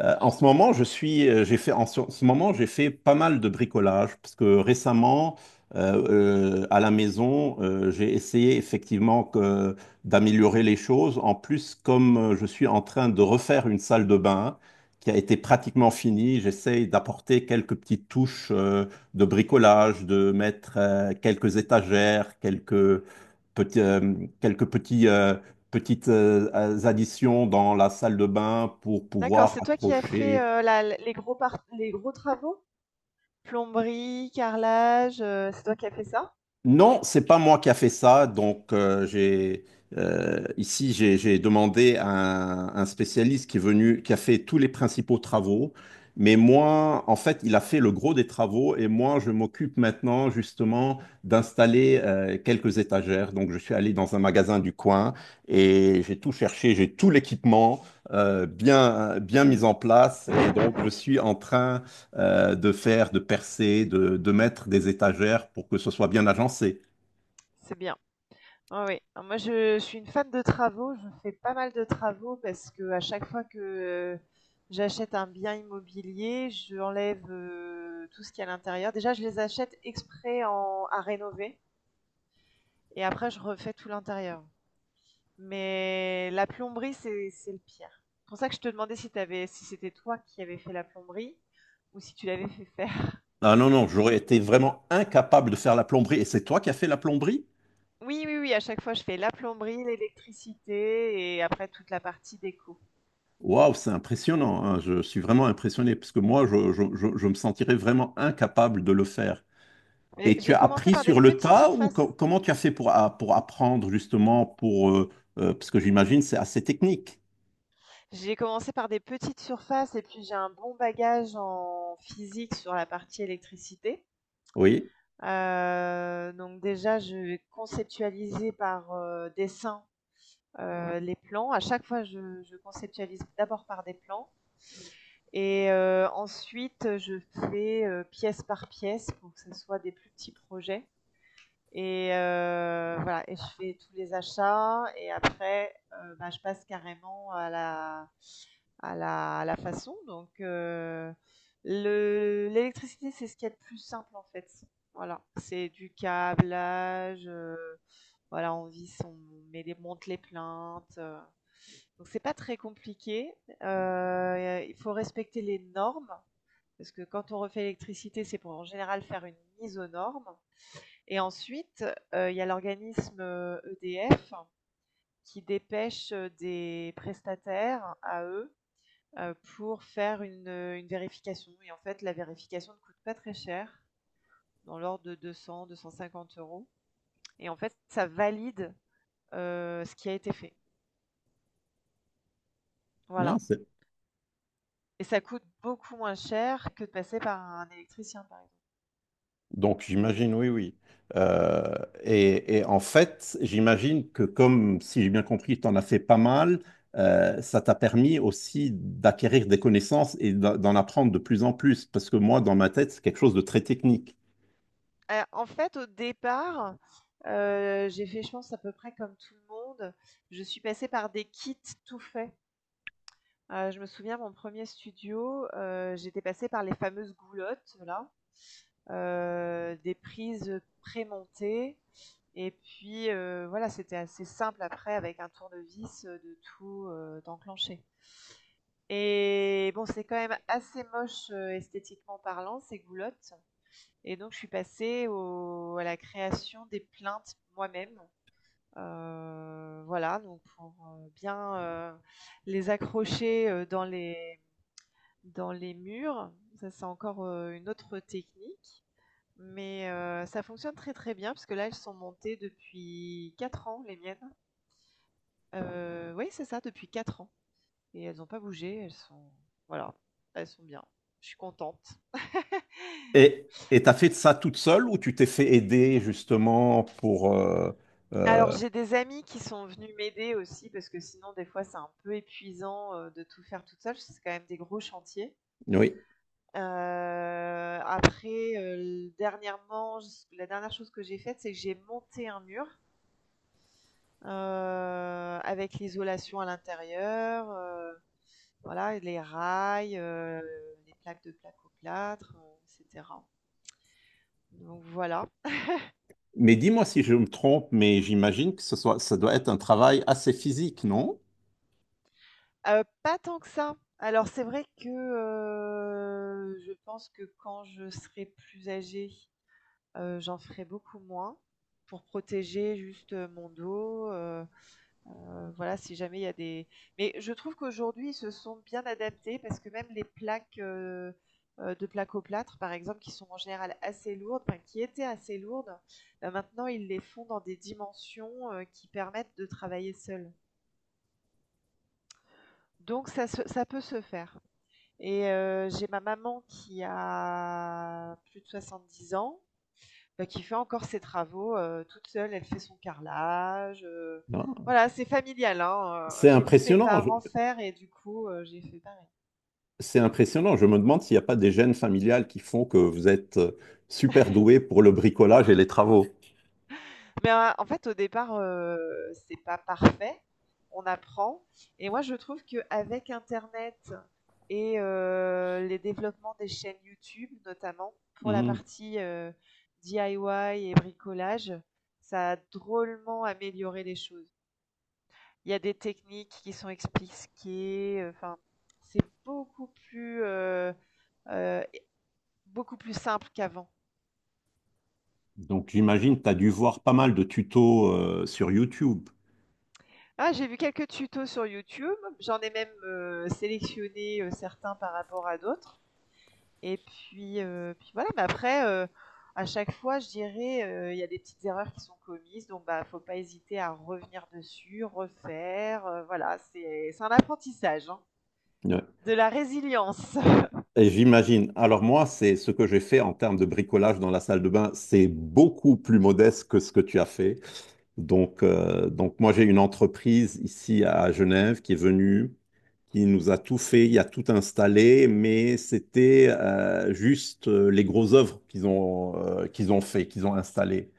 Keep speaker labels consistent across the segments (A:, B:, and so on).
A: En ce moment, je suis, j'ai fait, en ce moment, j'ai fait pas mal de bricolage parce que récemment, à la maison, j'ai essayé effectivement d'améliorer les choses. En plus, comme je suis en train de refaire une salle de bain qui a été pratiquement finie, j'essaye d'apporter quelques petites touches de bricolage, de mettre quelques étagères,
B: Mmh.
A: petits, euh, quelques petits petites additions dans la salle de bain pour
B: D'accord,
A: pouvoir
B: c'est toi qui as fait,
A: accrocher.
B: la l les gros part les gros travaux? Plomberie, carrelage, c'est toi qui as fait ça?
A: Non, c'est pas moi qui a fait ça. Donc, j'ai ici j'ai demandé à un spécialiste qui est venu, qui a fait tous les principaux travaux. Mais moi, en fait, il a fait le gros des travaux et moi, je m'occupe maintenant justement d'installer quelques étagères. Donc, je suis allé dans un magasin du coin et j'ai tout cherché, j'ai tout l'équipement bien bien mis en place et donc je suis en train de faire, de percer, de mettre des étagères pour que ce soit bien agencé.
B: C'est bien. Ah oui. Ah, moi je suis une fan de travaux, je fais pas mal de travaux parce que à chaque fois que j'achète un bien immobilier, j'enlève tout ce qu'il y a à l'intérieur. Déjà, je les achète exprès à rénover et après je refais tout l'intérieur. Mais la plomberie, c'est le pire. C'est pour ça que je te demandais si t'avais, si c'était toi qui avais fait la plomberie ou si tu l'avais fait faire.
A: Ah non, non, j'aurais été vraiment incapable de faire la plomberie. Et c'est toi qui as fait la plomberie?
B: Oui, oui, oui, à chaque fois je fais la plomberie, l'électricité et après toute la partie déco.
A: Waouh, c'est impressionnant, hein. Je suis vraiment impressionné parce que moi, je me sentirais vraiment incapable de le faire. Et tu
B: J'ai
A: as
B: commencé
A: appris
B: par des
A: sur le
B: petites
A: tas ou
B: surfaces.
A: comment tu as fait pour, pour apprendre justement pour, parce que j'imagine c'est assez technique.
B: J'ai commencé par des petites surfaces et puis j'ai un bon bagage en physique sur la partie électricité.
A: Oui.
B: Donc déjà, je vais conceptualiser par, dessin, les plans. À chaque fois, je conceptualise d'abord par des plans, et ensuite je fais, pièce par pièce pour que ce soit des plus petits projets, et voilà, et je fais tous les achats, et après, bah, je passe carrément à la façon. Donc, le l'électricité, c'est ce qu'il y a de plus simple, en fait. Voilà, c'est du câblage, voilà, on visse, on met des monte les plaintes, donc c'est pas très compliqué. Il faut respecter les normes parce que quand on refait l'électricité, c'est pour, en général, faire une mise aux normes, et ensuite, il y a l'organisme, EDF, qui dépêche des prestataires à eux, pour faire une vérification, et en fait la vérification ne coûte pas très cher, dans l'ordre de 200-250 euros, et en fait ça valide, ce qui a été fait.
A: Non,
B: Voilà. Et ça coûte beaucoup moins cher que de passer par un électricien, par exemple.
A: donc j'imagine, oui, oui. Euh, et en fait, j'imagine que comme, si j'ai bien compris, tu en as fait pas mal, ça t'a permis aussi d'acquérir des connaissances et d'en apprendre de plus en plus, parce que moi, dans ma tête, c'est quelque chose de très technique.
B: En fait, au départ, j'ai fait, je pense, à peu près comme tout le monde. Je suis passée par des kits tout faits. Je me souviens, mon premier studio, j'étais passée par les fameuses goulottes là, des prises prémontées. Et puis, voilà, c'était assez simple après, avec un tournevis, de tout, d'enclencher. Et bon, c'est quand même assez moche, esthétiquement parlant, ces goulottes. Et donc je suis passée au à la création des plinthes moi-même, voilà, donc pour, bien, heu, les accrocher, dans les murs. Ça, c'est encore, une autre technique, mais ça fonctionne très, très bien parce que là, elles sont montées depuis 4 ans, les miennes. Oui, c'est ça, depuis 4 ans, et elles n'ont pas bougé, elles sont, voilà, elles sont bien. Je suis contente.
A: Et et t'as fait ça toute seule ou tu t'es fait aider justement pour...
B: Alors
A: euh,
B: j'ai des amis qui sont venus m'aider aussi, parce que sinon des fois c'est un peu épuisant, de tout faire toute seule, c'est quand même des gros chantiers.
A: oui.
B: Heu, Après, dernièrement, la dernière chose que j'ai faite, c'est que j'ai monté un mur, avec l'isolation à l'intérieur, voilà, les rails, les plaques de plaques au plâtre, etc. Donc voilà.
A: Mais dis-moi si je me trompe, mais j'imagine que ce soit, ça doit être un travail assez physique, non?
B: Pas tant que ça. Alors c'est vrai que je pense que quand je serai plus âgée, j'en ferai beaucoup moins pour protéger juste mon dos. Voilà, si jamais il y a des mais je trouve qu'aujourd'hui, ils se sont bien adaptés parce que même les plaques, de plaques au plâtre, par exemple, qui sont en général assez lourdes, enfin qui étaient assez lourdes, bah, maintenant ils les font dans des dimensions, qui permettent de travailler seul. Donc ça peut se faire. Et j'ai ma maman qui a plus de 70 ans, bah, qui fait encore ses travaux toute seule. Elle fait son carrelage.
A: Non.
B: Voilà, c'est familial, hein,
A: C'est
B: j'ai vu mes
A: impressionnant.
B: parents faire et du coup, j'ai fait pareil.
A: C'est impressionnant. Je me demande s'il n'y a pas des gènes familiales qui font que vous êtes super doué pour le bricolage et les travaux.
B: Mais en fait, au départ, c'est pas parfait. On apprend. Et moi, je trouve qu'avec Internet et les développements des chaînes YouTube, notamment pour la
A: Mhm.
B: partie DIY et bricolage, ça a drôlement amélioré les choses. Il y a des techniques qui sont expliquées, enfin, c'est heu, beaucoup plus simple qu'avant.
A: Donc j'imagine que tu as dû voir pas mal de tutos sur YouTube.
B: Ah, j'ai vu quelques tutos sur YouTube, j'en ai même, sélectionné, certains par rapport à d'autres, et puis, voilà, mais après, à chaque fois, je dirais, il y a des petites erreurs qui sont commises, donc bah, faut pas hésiter à revenir dessus, refaire, voilà, c'est un apprentissage, hein.
A: Ouais.
B: De la résilience.
A: Et j'imagine. Alors moi, c'est ce que j'ai fait en termes de bricolage dans la salle de bain, c'est beaucoup plus modeste que ce que tu as fait. Donc moi, j'ai une entreprise ici à Genève qui est venue. Il nous a tout fait, il a tout installé, mais c'était juste les grosses œuvres qu'ils ont fait, qu'ils ont installées.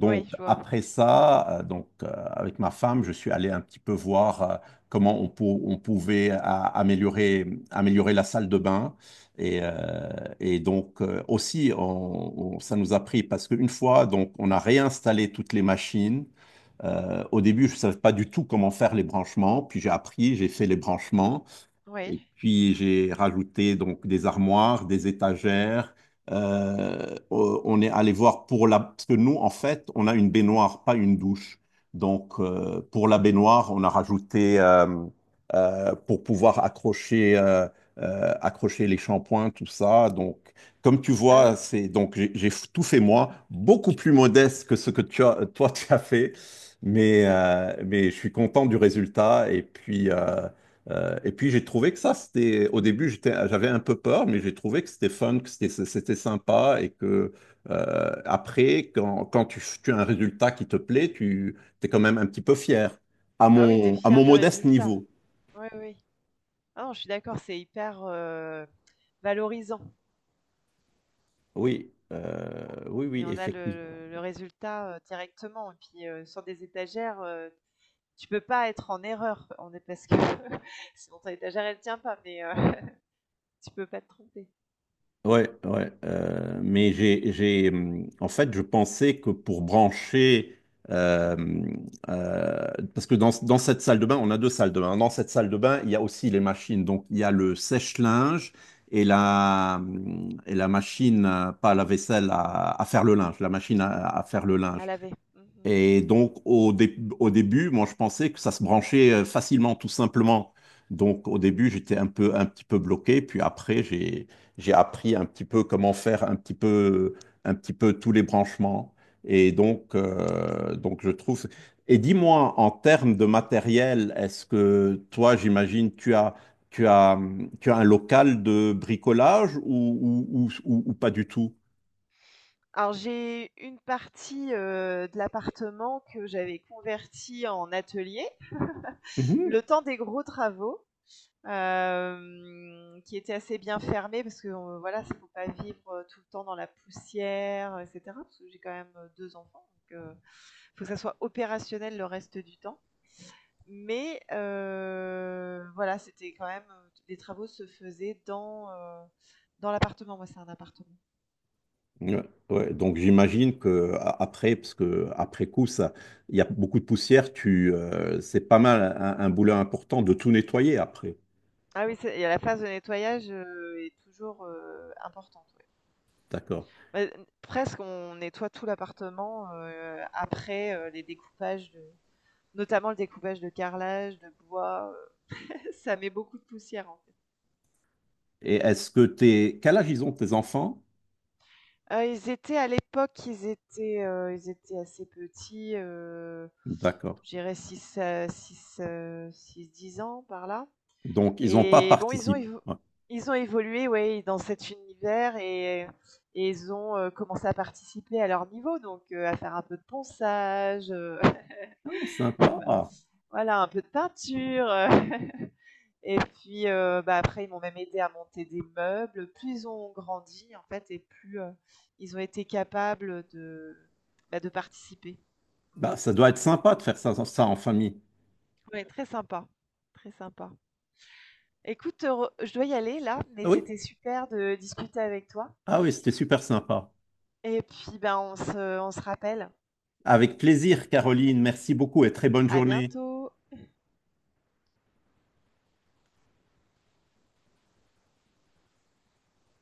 B: Oui, je vois.
A: après ça, avec ma femme, je suis allé un petit peu voir comment on, on pouvait améliorer, améliorer la salle de bain. Et, euh, et donc aussi, ça nous a pris parce qu'une fois, donc on a réinstallé toutes les machines. Au début, je ne savais pas du tout comment faire les branchements, puis j'ai appris, j'ai fait les branchements.
B: Oui.
A: Et puis j'ai rajouté donc des armoires, des étagères. Euh, on est allé voir pour la... Parce que nous, en fait, on a une baignoire, pas une douche. Donc pour la baignoire, on a rajouté pour pouvoir accrocher, accrocher les shampoings, tout ça. Donc comme tu
B: Ah
A: vois,
B: oui.
A: c'est donc j'ai tout fait moi, beaucoup plus modeste que ce que toi tu as fait. Mais je suis content du résultat et puis j'ai trouvé que ça, c'était au début, j'étais, j'avais un peu peur, mais j'ai trouvé que c'était fun, que c'était, c'était sympa et que après, quand, quand tu as un résultat qui te plaît, tu es quand même un petit peu fier
B: Ah oui, t'es
A: à
B: fier
A: mon
B: du
A: modeste
B: résultat.
A: niveau.
B: Oui, oui. Ah non, je suis d'accord, c'est hyper, valorisant,
A: Oui, oui, oui,
B: et on a
A: effectivement.
B: le résultat, directement, et puis, sur des étagères, tu peux pas être en erreur. On est parce que sinon ton étagère, elle tient pas, mais, tu peux pas te tromper
A: Ouais, ouais. Mais j'ai, j'ai, en fait, je pensais que pour brancher, euh, euh, parce que dans, dans cette salle de bain, on a deux salles de bain. Dans cette salle de bain, il y a aussi les machines. Donc, il y a le sèche-linge et la machine, pas la vaisselle, à faire le linge, la machine à faire le
B: à
A: linge.
B: laver. Mmh.
A: Et donc, au début, moi, je pensais que ça se branchait facilement, tout simplement. Donc, au début, j'étais un peu, un petit peu bloqué. Puis après, j'ai appris un petit peu comment faire un petit peu tous les branchements. Et donc je trouve. Et dis-moi, en termes de matériel, est-ce que toi, j'imagine, tu as, tu as un local de bricolage ou pas du tout?
B: Alors j'ai une partie, de l'appartement que j'avais convertie en atelier, le temps des gros travaux, qui était assez bien fermée, parce que voilà, il ne faut pas vivre tout le temps dans la poussière, etc. Parce que j'ai quand même deux enfants, donc il faut que ça soit opérationnel le reste du temps. Mais voilà, c'était quand même, les travaux se faisaient dans l'appartement. Moi, c'est un appartement.
A: Ouais, ouais. Donc j'imagine que après, parce que après coup, ça, il y a beaucoup de poussière, tu, c'est pas mal un boulot important de tout nettoyer après.
B: Ah oui, et la phase de nettoyage est toujours importante, ouais.
A: D'accord.
B: Bah, presque, on nettoie tout l'appartement après, notamment le découpage de carrelage, de bois, ça met beaucoup de poussière, en fait.
A: Et est-ce que t'es, quel âge ils ont tes enfants?
B: Ils étaient, à l'époque, ils étaient assez petits,
A: D'accord.
B: je dirais 6, 6 ans par là.
A: Donc ils n'ont pas
B: Et bon,
A: participé. Ouais.
B: ils ont évolué, ouais, dans cet univers, et ils ont, commencé à participer à leur niveau, donc, à faire un peu de ponçage,
A: Ah, sympa. Ah,
B: voilà, un peu de peinture, Et puis, bah, après, ils m'ont même aidé à monter des meubles. Plus ils ont grandi, en fait, et plus, ils ont été capables, bah, de participer. Mmh.
A: bah, ça doit être sympa de faire ça, ça en famille.
B: Ouais, très sympa, très sympa. Écoute, re je dois y aller là, mais
A: Ah oui?
B: c'était super de discuter avec toi,
A: Ah oui, c'était super sympa.
B: et puis, ben, on se rappelle.
A: Avec plaisir, Caroline. Merci beaucoup et très bonne
B: À
A: journée.
B: bientôt.